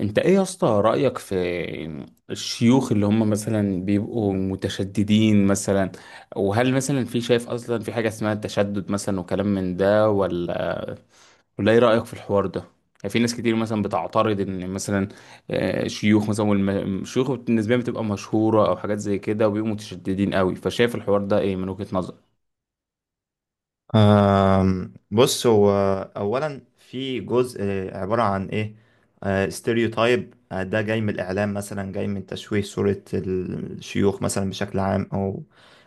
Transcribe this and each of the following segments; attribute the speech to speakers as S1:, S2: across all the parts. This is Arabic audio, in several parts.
S1: انت ايه يا اسطى رأيك في الشيوخ اللي هم مثلا بيبقوا متشددين مثلا؟ وهل مثلا في شايف اصلا في حاجة اسمها التشدد مثلا وكلام من ده ولا ايه رأيك في الحوار ده؟ يعني في ناس كتير مثلا بتعترض ان مثلا شيوخ مثلا، والشيوخ بالنسبة لهم بتبقى مشهورة او حاجات زي كده وبيبقوا متشددين قوي، فشايف الحوار ده ايه من وجهة نظرك؟
S2: بص هو اولا في جزء عباره عن ايه ستيريوتايب ده جاي من الاعلام مثلا جاي من تشويه صوره الشيوخ مثلا بشكل عام او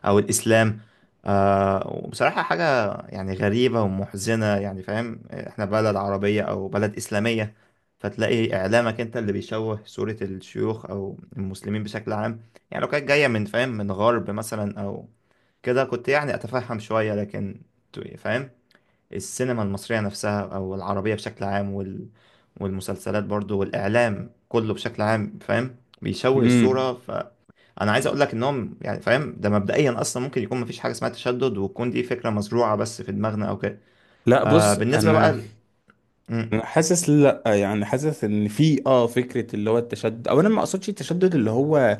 S2: او الاسلام. وبصراحه حاجه يعني غريبه ومحزنه. يعني فاهم احنا بلد عربيه او بلد اسلاميه، فتلاقي اعلامك انت اللي بيشوه صوره الشيوخ او المسلمين بشكل عام. يعني لو كانت جايه من فاهم من غرب مثلا او كده كنت يعني أتفهم شوية، لكن فاهم السينما المصرية نفسها أو العربية بشكل عام والمسلسلات برضو والإعلام كله بشكل عام فاهم بيشوه
S1: امم
S2: الصورة. فأنا عايز أقول لك إنهم يعني فاهم ده مبدئيا أصلا ممكن يكون مفيش حاجة اسمها تشدد وتكون دي فكرة مزروعة بس في دماغنا أو كده.
S1: لا،
S2: آه
S1: بص،
S2: بالنسبة بقى
S1: انا
S2: ل... مم.
S1: انا حاسس، لا يعني حاسس ان في فكره اللي هو التشدد، او انا ما اقصدش التشدد اللي هو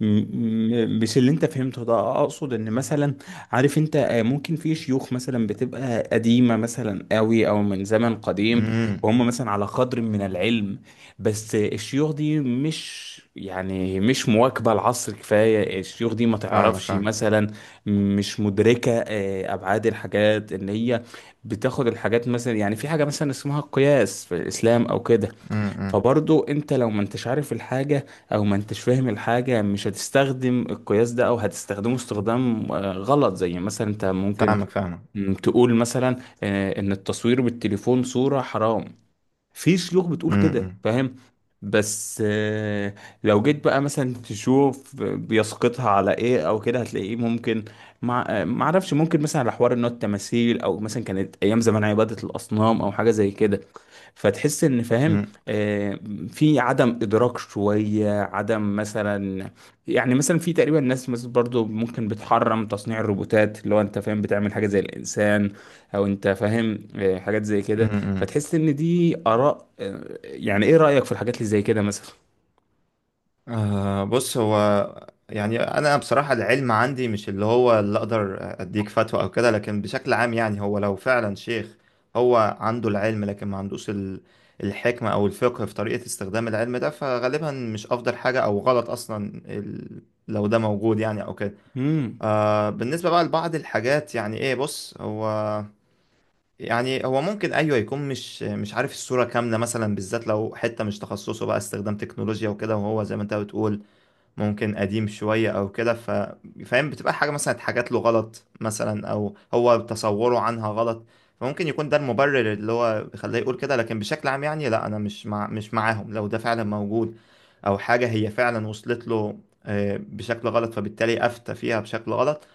S1: مش اللي انت فهمته ده، اقصد ان مثلا، عارف انت، ممكن في شيوخ مثلا بتبقى قديمة مثلا قوي، او من زمن قديم،
S2: مم.
S1: وهم مثلا على قدر من العلم، بس الشيوخ دي مش، يعني مش مواكبة العصر كفاية، الشيوخ دي ما
S2: فاهمك
S1: تعرفش
S2: فاهم.
S1: مثلا، مش مدركة ابعاد الحاجات، ان هي بتاخد الحاجات مثلا، يعني في حاجة مثلا اسمها القياس في الاسلام او كده،
S2: مم. مم.
S1: فبرضو انت لو ما انتش عارف الحاجة او ما انتش فاهم الحاجة مش هتستخدم القياس ده، او هتستخدمه استخدام غلط، زي مثلا انت ممكن
S2: فاهمك فاهمك.
S1: تقول مثلا ان التصوير بالتليفون صورة حرام، في شيوخ بتقول كده
S2: مم.
S1: فاهم. بس، لو جيت بقى مثلا تشوف بيسقطها على ايه او كده، هتلاقيه ممكن مع ما اعرفش، ممكن مثلا على حوار ان هو التماثيل، او مثلا كانت ايام زمان عبادة الاصنام او حاجة زي كده، فتحس ان فاهم،
S2: مم.
S1: آه، في عدم ادراك شوية، عدم مثلا، يعني مثلا في تقريبا ناس مثلا برضو ممكن بتحرم تصنيع الروبوتات اللي هو انت فاهم بتعمل حاجة زي الانسان، او انت فاهم حاجات زي
S2: مم.
S1: كده،
S2: مم.
S1: فتحس ان دي اراء، يعني ايه رايك في الحاجات اللي زي كده مثلا؟
S2: آه بص هو، يعني انا بصراحة العلم عندي مش اللي هو اللي اقدر اديك فتوى او كده، لكن بشكل عام يعني هو لو فعلا شيخ هو عنده العلم لكن ما عندوش الحكمة او الفقه في طريقة استخدام العلم ده فغالبا مش افضل حاجة او غلط اصلا لو ده موجود يعني او كده.
S1: امم
S2: آه بالنسبة بقى لبعض الحاجات يعني ايه بص هو، يعني هو ممكن ايوه يكون مش عارف الصورة كاملة مثلا بالذات لو حتة مش تخصصه بقى استخدام تكنولوجيا وكده، وهو زي ما انت بتقول ممكن قديم شوية أو كده ف فاهم بتبقى حاجة مثلا اتحاجت له غلط مثلا أو هو تصوره عنها غلط. فممكن يكون ده المبرر اللي هو بيخليه يقول كده، لكن بشكل عام يعني لا أنا مش معاهم لو ده فعلا موجود أو حاجة هي فعلا وصلت له بشكل غلط فبالتالي أفتى فيها بشكل غلط.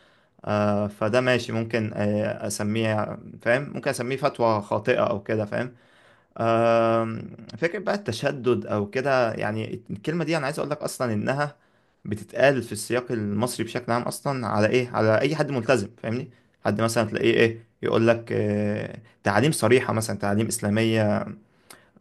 S2: فده ماشي، ممكن أسميه فاهم ممكن أسميه فتوى خاطئة أو كده فاهم. آم، فكرة بقى التشدد أو كده يعني الكلمة دي أنا عايز أقول لك أصلا إنها بتتقال في السياق المصري بشكل عام أصلا على إيه؟ على أي حد ملتزم فاهمني؟ حد مثلا تلاقيه إيه يقول لك تعاليم صريحة مثلا تعاليم إسلامية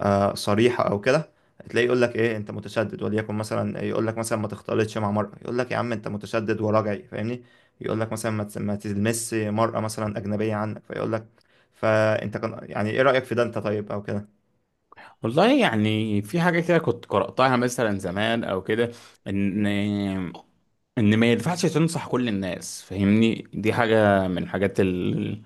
S2: صريحة أو كده. تلاقيه يقول لك إيه أنت متشدد، وليكن مثلا يقول لك مثلا ما تختلطش مع مرأة يقول لك يا عم أنت متشدد وراجعي فاهمني؟ يقول لك مثلا ما تلمس مرأة مثلا أجنبية عنك فيقول لك فأنت كان يعني إيه رأيك في ده أنت طيب أو كده؟
S1: والله، يعني في حاجة كده كنت قرأتها مثلا زمان أو كده، إن ان ما ينفعش تنصح كل الناس فاهمني، دي حاجة من الحاجات ال-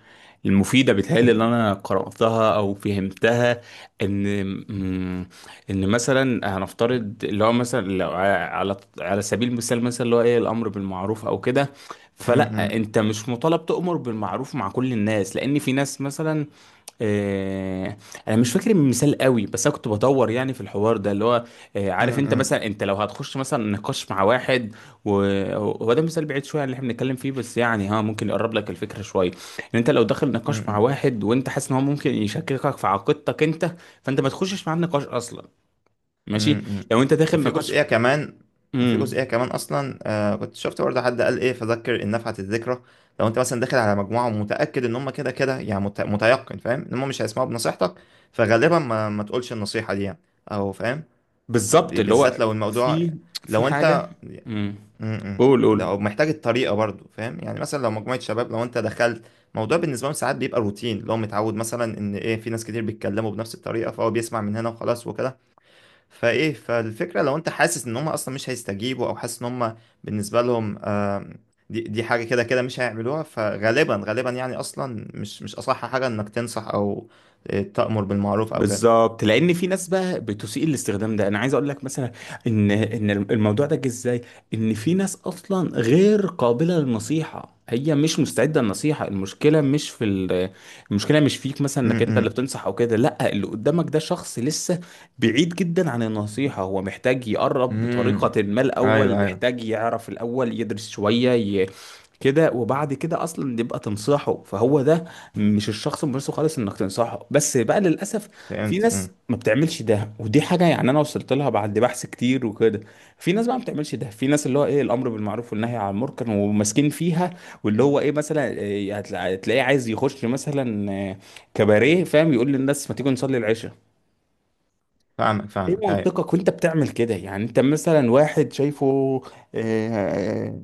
S1: المفيدة بتهيألي اللي انا قرأتها او فهمتها، ان مم، ان مثلا هنفترض اللي هو مثلا لو على سبيل المثال مثلا اللي هو ايه الامر بالمعروف او كده،
S2: امم.
S1: فلا، انت مش مطالب تؤمر بالمعروف مع كل الناس لان في ناس مثلا، آه، انا مش فاكر المثال قوي، بس انا كنت بدور يعني في الحوار ده اللي هو، عارف انت
S2: امم.
S1: مثلا انت لو هتخش مثلا نقاش مع واحد، وهو ده مثال بعيد شويه عن اللي احنا بنتكلم فيه بس يعني ها ممكن يقرب لك الفكره شويه، ان انت لو داخل نقاش مع
S2: امم.
S1: واحد وانت حاسس ان هو ممكن يشككك في عقيدتك انت، فانت ما تخشش معاه النقاش اصلا. ماشي.
S2: امم.
S1: لو انت داخل
S2: وفي
S1: نقاش.
S2: جزئية كمان. وفي
S1: امم.
S2: جزئية كمان أصلا آه كنت شفت برضه حد قال إيه فذكر إن نفعت الذكرى. لو أنت مثلا داخل على مجموعة ومتأكد إن هم كده كده يعني متيقن فاهم إن هم مش هيسمعوا بنصيحتك فغالبا ما تقولش النصيحة دي يعني أو فاهم
S1: بالظبط اللي
S2: بالذات
S1: هو
S2: لو الموضوع
S1: في في
S2: لو
S1: حاجه.
S2: أنت.
S1: امم.
S2: امم.
S1: قول قول.
S2: ده محتاج الطريقه برضو فاهم. يعني مثلا لو مجموعه شباب لو انت دخلت موضوع بالنسبه لهم ساعات بيبقى روتين، لو متعود مثلا ان ايه في ناس كتير بيتكلموا بنفس الطريقه فهو بيسمع من هنا وخلاص وكده. فايه فالفكره لو انت حاسس ان هم اصلا مش هيستجيبوا او حاسس ان هم بالنسبه لهم دي حاجه كده كده مش هيعملوها فغالبا غالبا يعني اصلا مش اصح حاجه انك تنصح او تأمر بالمعروف او كده.
S1: بالظبط، لان في ناس بقى بتسيء الاستخدام ده، انا عايز اقول لك مثلا ان الموضوع ده جه ازاي، ان في ناس اصلا غير قابله للنصيحه، هي مش مستعده للنصيحه، المشكله مش فيك مثلا انك انت اللي
S2: امم.
S1: بتنصح او كده، لا، اللي قدامك ده شخص لسه بعيد جدا عن النصيحه، هو محتاج يقرب
S2: امم.
S1: بطريقه ما
S2: ايوه
S1: الاول،
S2: ايوه.
S1: محتاج يعرف الاول، يدرس شويه كده، وبعد كده اصلا يبقى تنصحه، فهو ده مش الشخص المناسب خالص انك تنصحه، بس بقى للاسف في
S2: فهمت
S1: ناس
S2: امم.
S1: ما بتعملش ده، ودي حاجه يعني انا وصلت لها بعد بحث كتير وكده. في ناس بقى ما بتعملش ده، في ناس اللي هو ايه الامر بالمعروف والنهي عن المنكر وماسكين فيها، واللي هو ايه مثلا إيه، هتلاقيه عايز يخش مثلا كباريه فاهم، يقول للناس ما تيجوا نصلي العشاء،
S2: فاهمك
S1: ايه
S2: فاهمك ايوه.
S1: منطقك وانت بتعمل كده؟ يعني انت مثلا واحد شايفه، آه،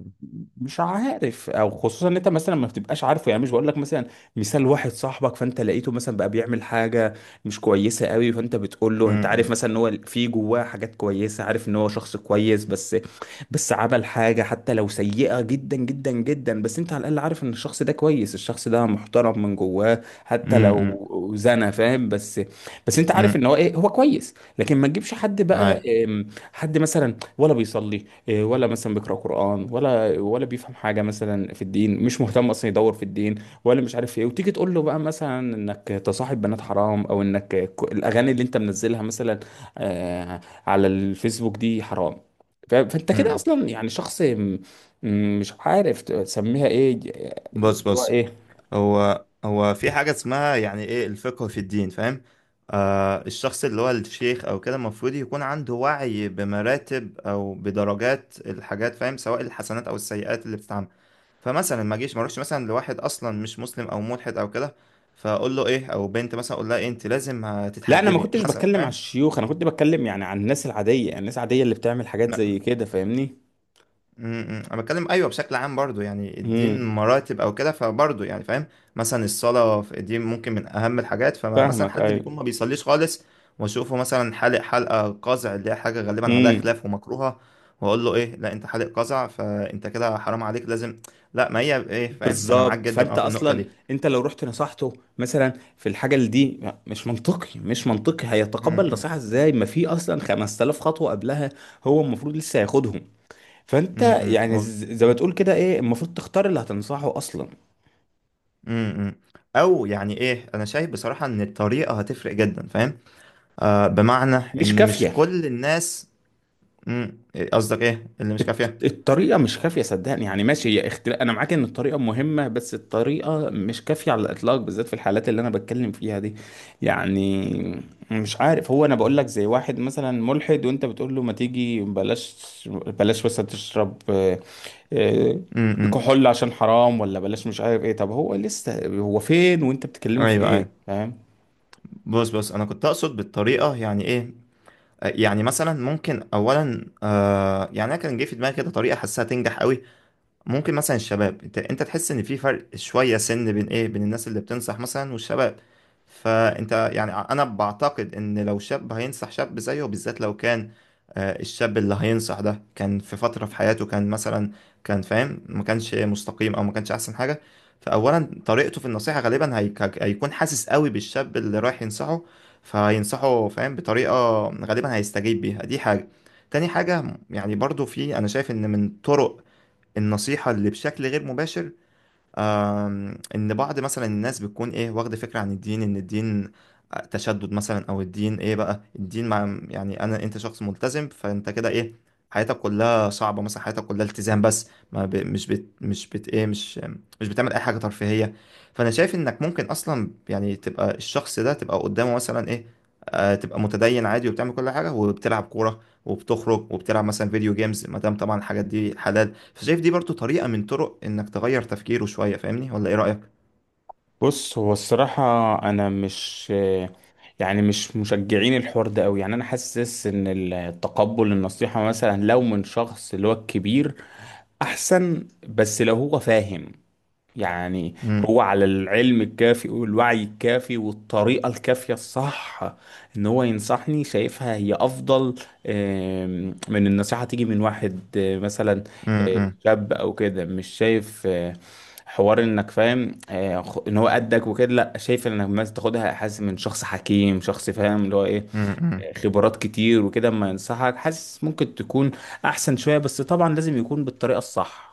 S1: مش عارف، او خصوصا ان انت مثلا ما بتبقاش عارفه، يعني مش بقول لك مثلا، مثال واحد صاحبك فانت لقيته مثلا بقى بيعمل حاجه مش كويسه قوي، فانت بتقول له انت عارف
S2: امم.
S1: مثلا ان هو في جواه حاجات كويسه، عارف ان هو شخص كويس، بس عمل حاجه حتى لو سيئه جدا جدا جدا، بس انت على الاقل عارف ان الشخص ده كويس، الشخص ده محترم من جواه حتى
S2: امم.
S1: لو زنى فاهم، بس انت عارف ان هو
S2: امم.
S1: ايه، هو كويس. لكن ما تجيبش حد
S2: اي.
S1: بقى، حد مثلا ولا بيصلي، ولا مثلا بيقرأ قرآن، ولا بيفهم حاجة مثلا في الدين، مش مهتم أصلا يدور في الدين ولا مش عارف ايه، وتيجي تقول له بقى مثلا انك تصاحب بنات حرام، او انك، الاغاني اللي انت منزلها مثلا آه، على الفيسبوك دي حرام، فانت كده
S2: امم.
S1: اصلا يعني شخص، مش عارف تسميها ايه، اللي
S2: بص
S1: هو
S2: بص
S1: ايه.
S2: هو هو في حاجة اسمها يعني ايه الفقه في الدين فاهم. آه الشخص اللي هو الشيخ او كده المفروض يكون عنده وعي بمراتب او بدرجات الحاجات فاهم سواء الحسنات او السيئات اللي بتتعمل. فمثلا ما اجيش ما اروحش مثلا لواحد اصلا مش مسلم او ملحد او كده فاقول له ايه، او بنت مثلا اقول لها إيه انت لازم
S1: لا، انا ما
S2: هتتحجبي
S1: كنتش بتكلم على
S2: مثلا
S1: الشيوخ، انا كنت بتكلم يعني عن الناس العاديه، الناس العاديه اللي بتعمل حاجات زي
S2: فاهم.
S1: كده فاهمني.
S2: امم. امم. انا بتكلم ايوه بشكل عام برضو، يعني الدين
S1: امم.
S2: مراتب او كده فبرضو يعني فاهم. مثلا الصلاه في الدين ممكن من اهم الحاجات، فمثلا
S1: فاهمك
S2: حد
S1: ايوه.
S2: بيكون ما بيصليش خالص واشوفه مثلا حالق حلقه قزع اللي هي حاجه غالبا عليها
S1: امم.
S2: خلاف ومكروهه واقول له ايه لا انت حالق قزع فانت كده حرام عليك لازم. لا ما هي ايه فاهم انا معاك
S1: بالظبط،
S2: جدا
S1: فانت
S2: اه في النقطه
S1: اصلا
S2: دي.
S1: انت لو رحت نصحته مثلا في الحاجه اللي دي، مش منطقي، مش منطقي هيتقبل
S2: امم
S1: نصيحه ازاي، ما في اصلا 5000 خطوه قبلها هو المفروض لسه ياخدهم، فانت
S2: امم.
S1: يعني زي ما تقول كده ايه، المفروض تختار اللي هتنصحه اصلا.
S2: امم امم. او يعني ايه، انا شايف بصراحه ان الطريقه هتفرق جدا فاهم. آه بمعنى
S1: مش
S2: ان مش
S1: كافيه.
S2: كل الناس. امم. قصدك ايه اللي مش
S1: الط-
S2: كافيه؟
S1: الطريقة مش كافية صدقني، يعني ماشي هي اختلاف، أنا معاك إن الطريقة مهمة بس الطريقة مش كافية على الإطلاق، بالذات في الحالات اللي أنا بتكلم فيها دي، يعني مش عارف هو، أنا بقول لك زي واحد مثلا ملحد وأنت بتقول له ما تيجي بلاش بلاش مثلا تشرب، آه،
S2: امم.
S1: كحول عشان حرام، ولا بلاش مش عارف إيه، طب هو لسه هو فين وأنت بتكلمه في
S2: ايوه
S1: إيه
S2: ايوه.
S1: فاهم؟
S2: بص بص انا كنت اقصد بالطريقه يعني ايه يعني مثلا ممكن اولا آه يعني انا كان جه في دماغي كده طريقه حاسها تنجح قوي. ممكن مثلا الشباب انت تحس ان في فرق شويه سن بين ايه بين الناس اللي بتنصح مثلا والشباب، فانت يعني انا بعتقد ان لو شاب هينصح شاب زيه، بالذات لو كان الشاب اللي هينصح ده كان في فتره في حياته كان مثلا كان فاهم ما كانش مستقيم او ما كانش احسن حاجه. فاولا طريقته في النصيحه غالبا هيكون حاسس قوي بالشاب اللي رايح ينصحه فهينصحه فاهم بطريقه غالبا هيستجيب بيها. دي حاجه. تاني حاجة يعني برضو في، أنا شايف إن من طرق النصيحة اللي بشكل غير مباشر، إن بعض مثلا الناس بتكون إيه واخدة فكرة عن الدين إن الدين تشدد مثلا أو الدين إيه بقى الدين مع يعني أنا أنت شخص ملتزم فأنت كده إيه حياتك كلها صعبة مثلا حياتك كلها التزام بس ما ب... مش بت... إيه مش بتعمل أي حاجة ترفيهية. فأنا شايف إنك ممكن أصلا يعني تبقى الشخص ده تبقى قدامه مثلا إيه تبقى متدين عادي وبتعمل كل حاجة وبتلعب كورة وبتخرج وبتلعب مثلا فيديو جيمز ما دام طبعا الحاجات دي حلال. فشايف دي برضو طريقة من طرق انك تغير تفكيره شوية. فاهمني ولا ايه رأيك؟
S1: بص هو الصراحة أنا مش، يعني مش مشجعين الحوار ده أوي، يعني أنا حاسس إن التقبل النصيحة مثلا لو من شخص اللي هو الكبير أحسن، بس لو هو فاهم، يعني
S2: امم
S1: هو على العلم الكافي والوعي الكافي والطريقة الكافية الصح ان هو ينصحني شايفها هي افضل، من النصيحة تيجي من واحد مثلا
S2: امم
S1: شاب او كده، مش شايف حوار انك فاهم ان هو قدك وكده، لا، شايف انك مثلا تاخدها، حاسس من شخص حكيم، شخص فاهم اللي هو ايه،
S2: امم.
S1: خبرات كتير وكده اما ينصحك، حاسس ممكن تكون احسن شوية، بس طبعا لازم يكون بالطريقة الصح.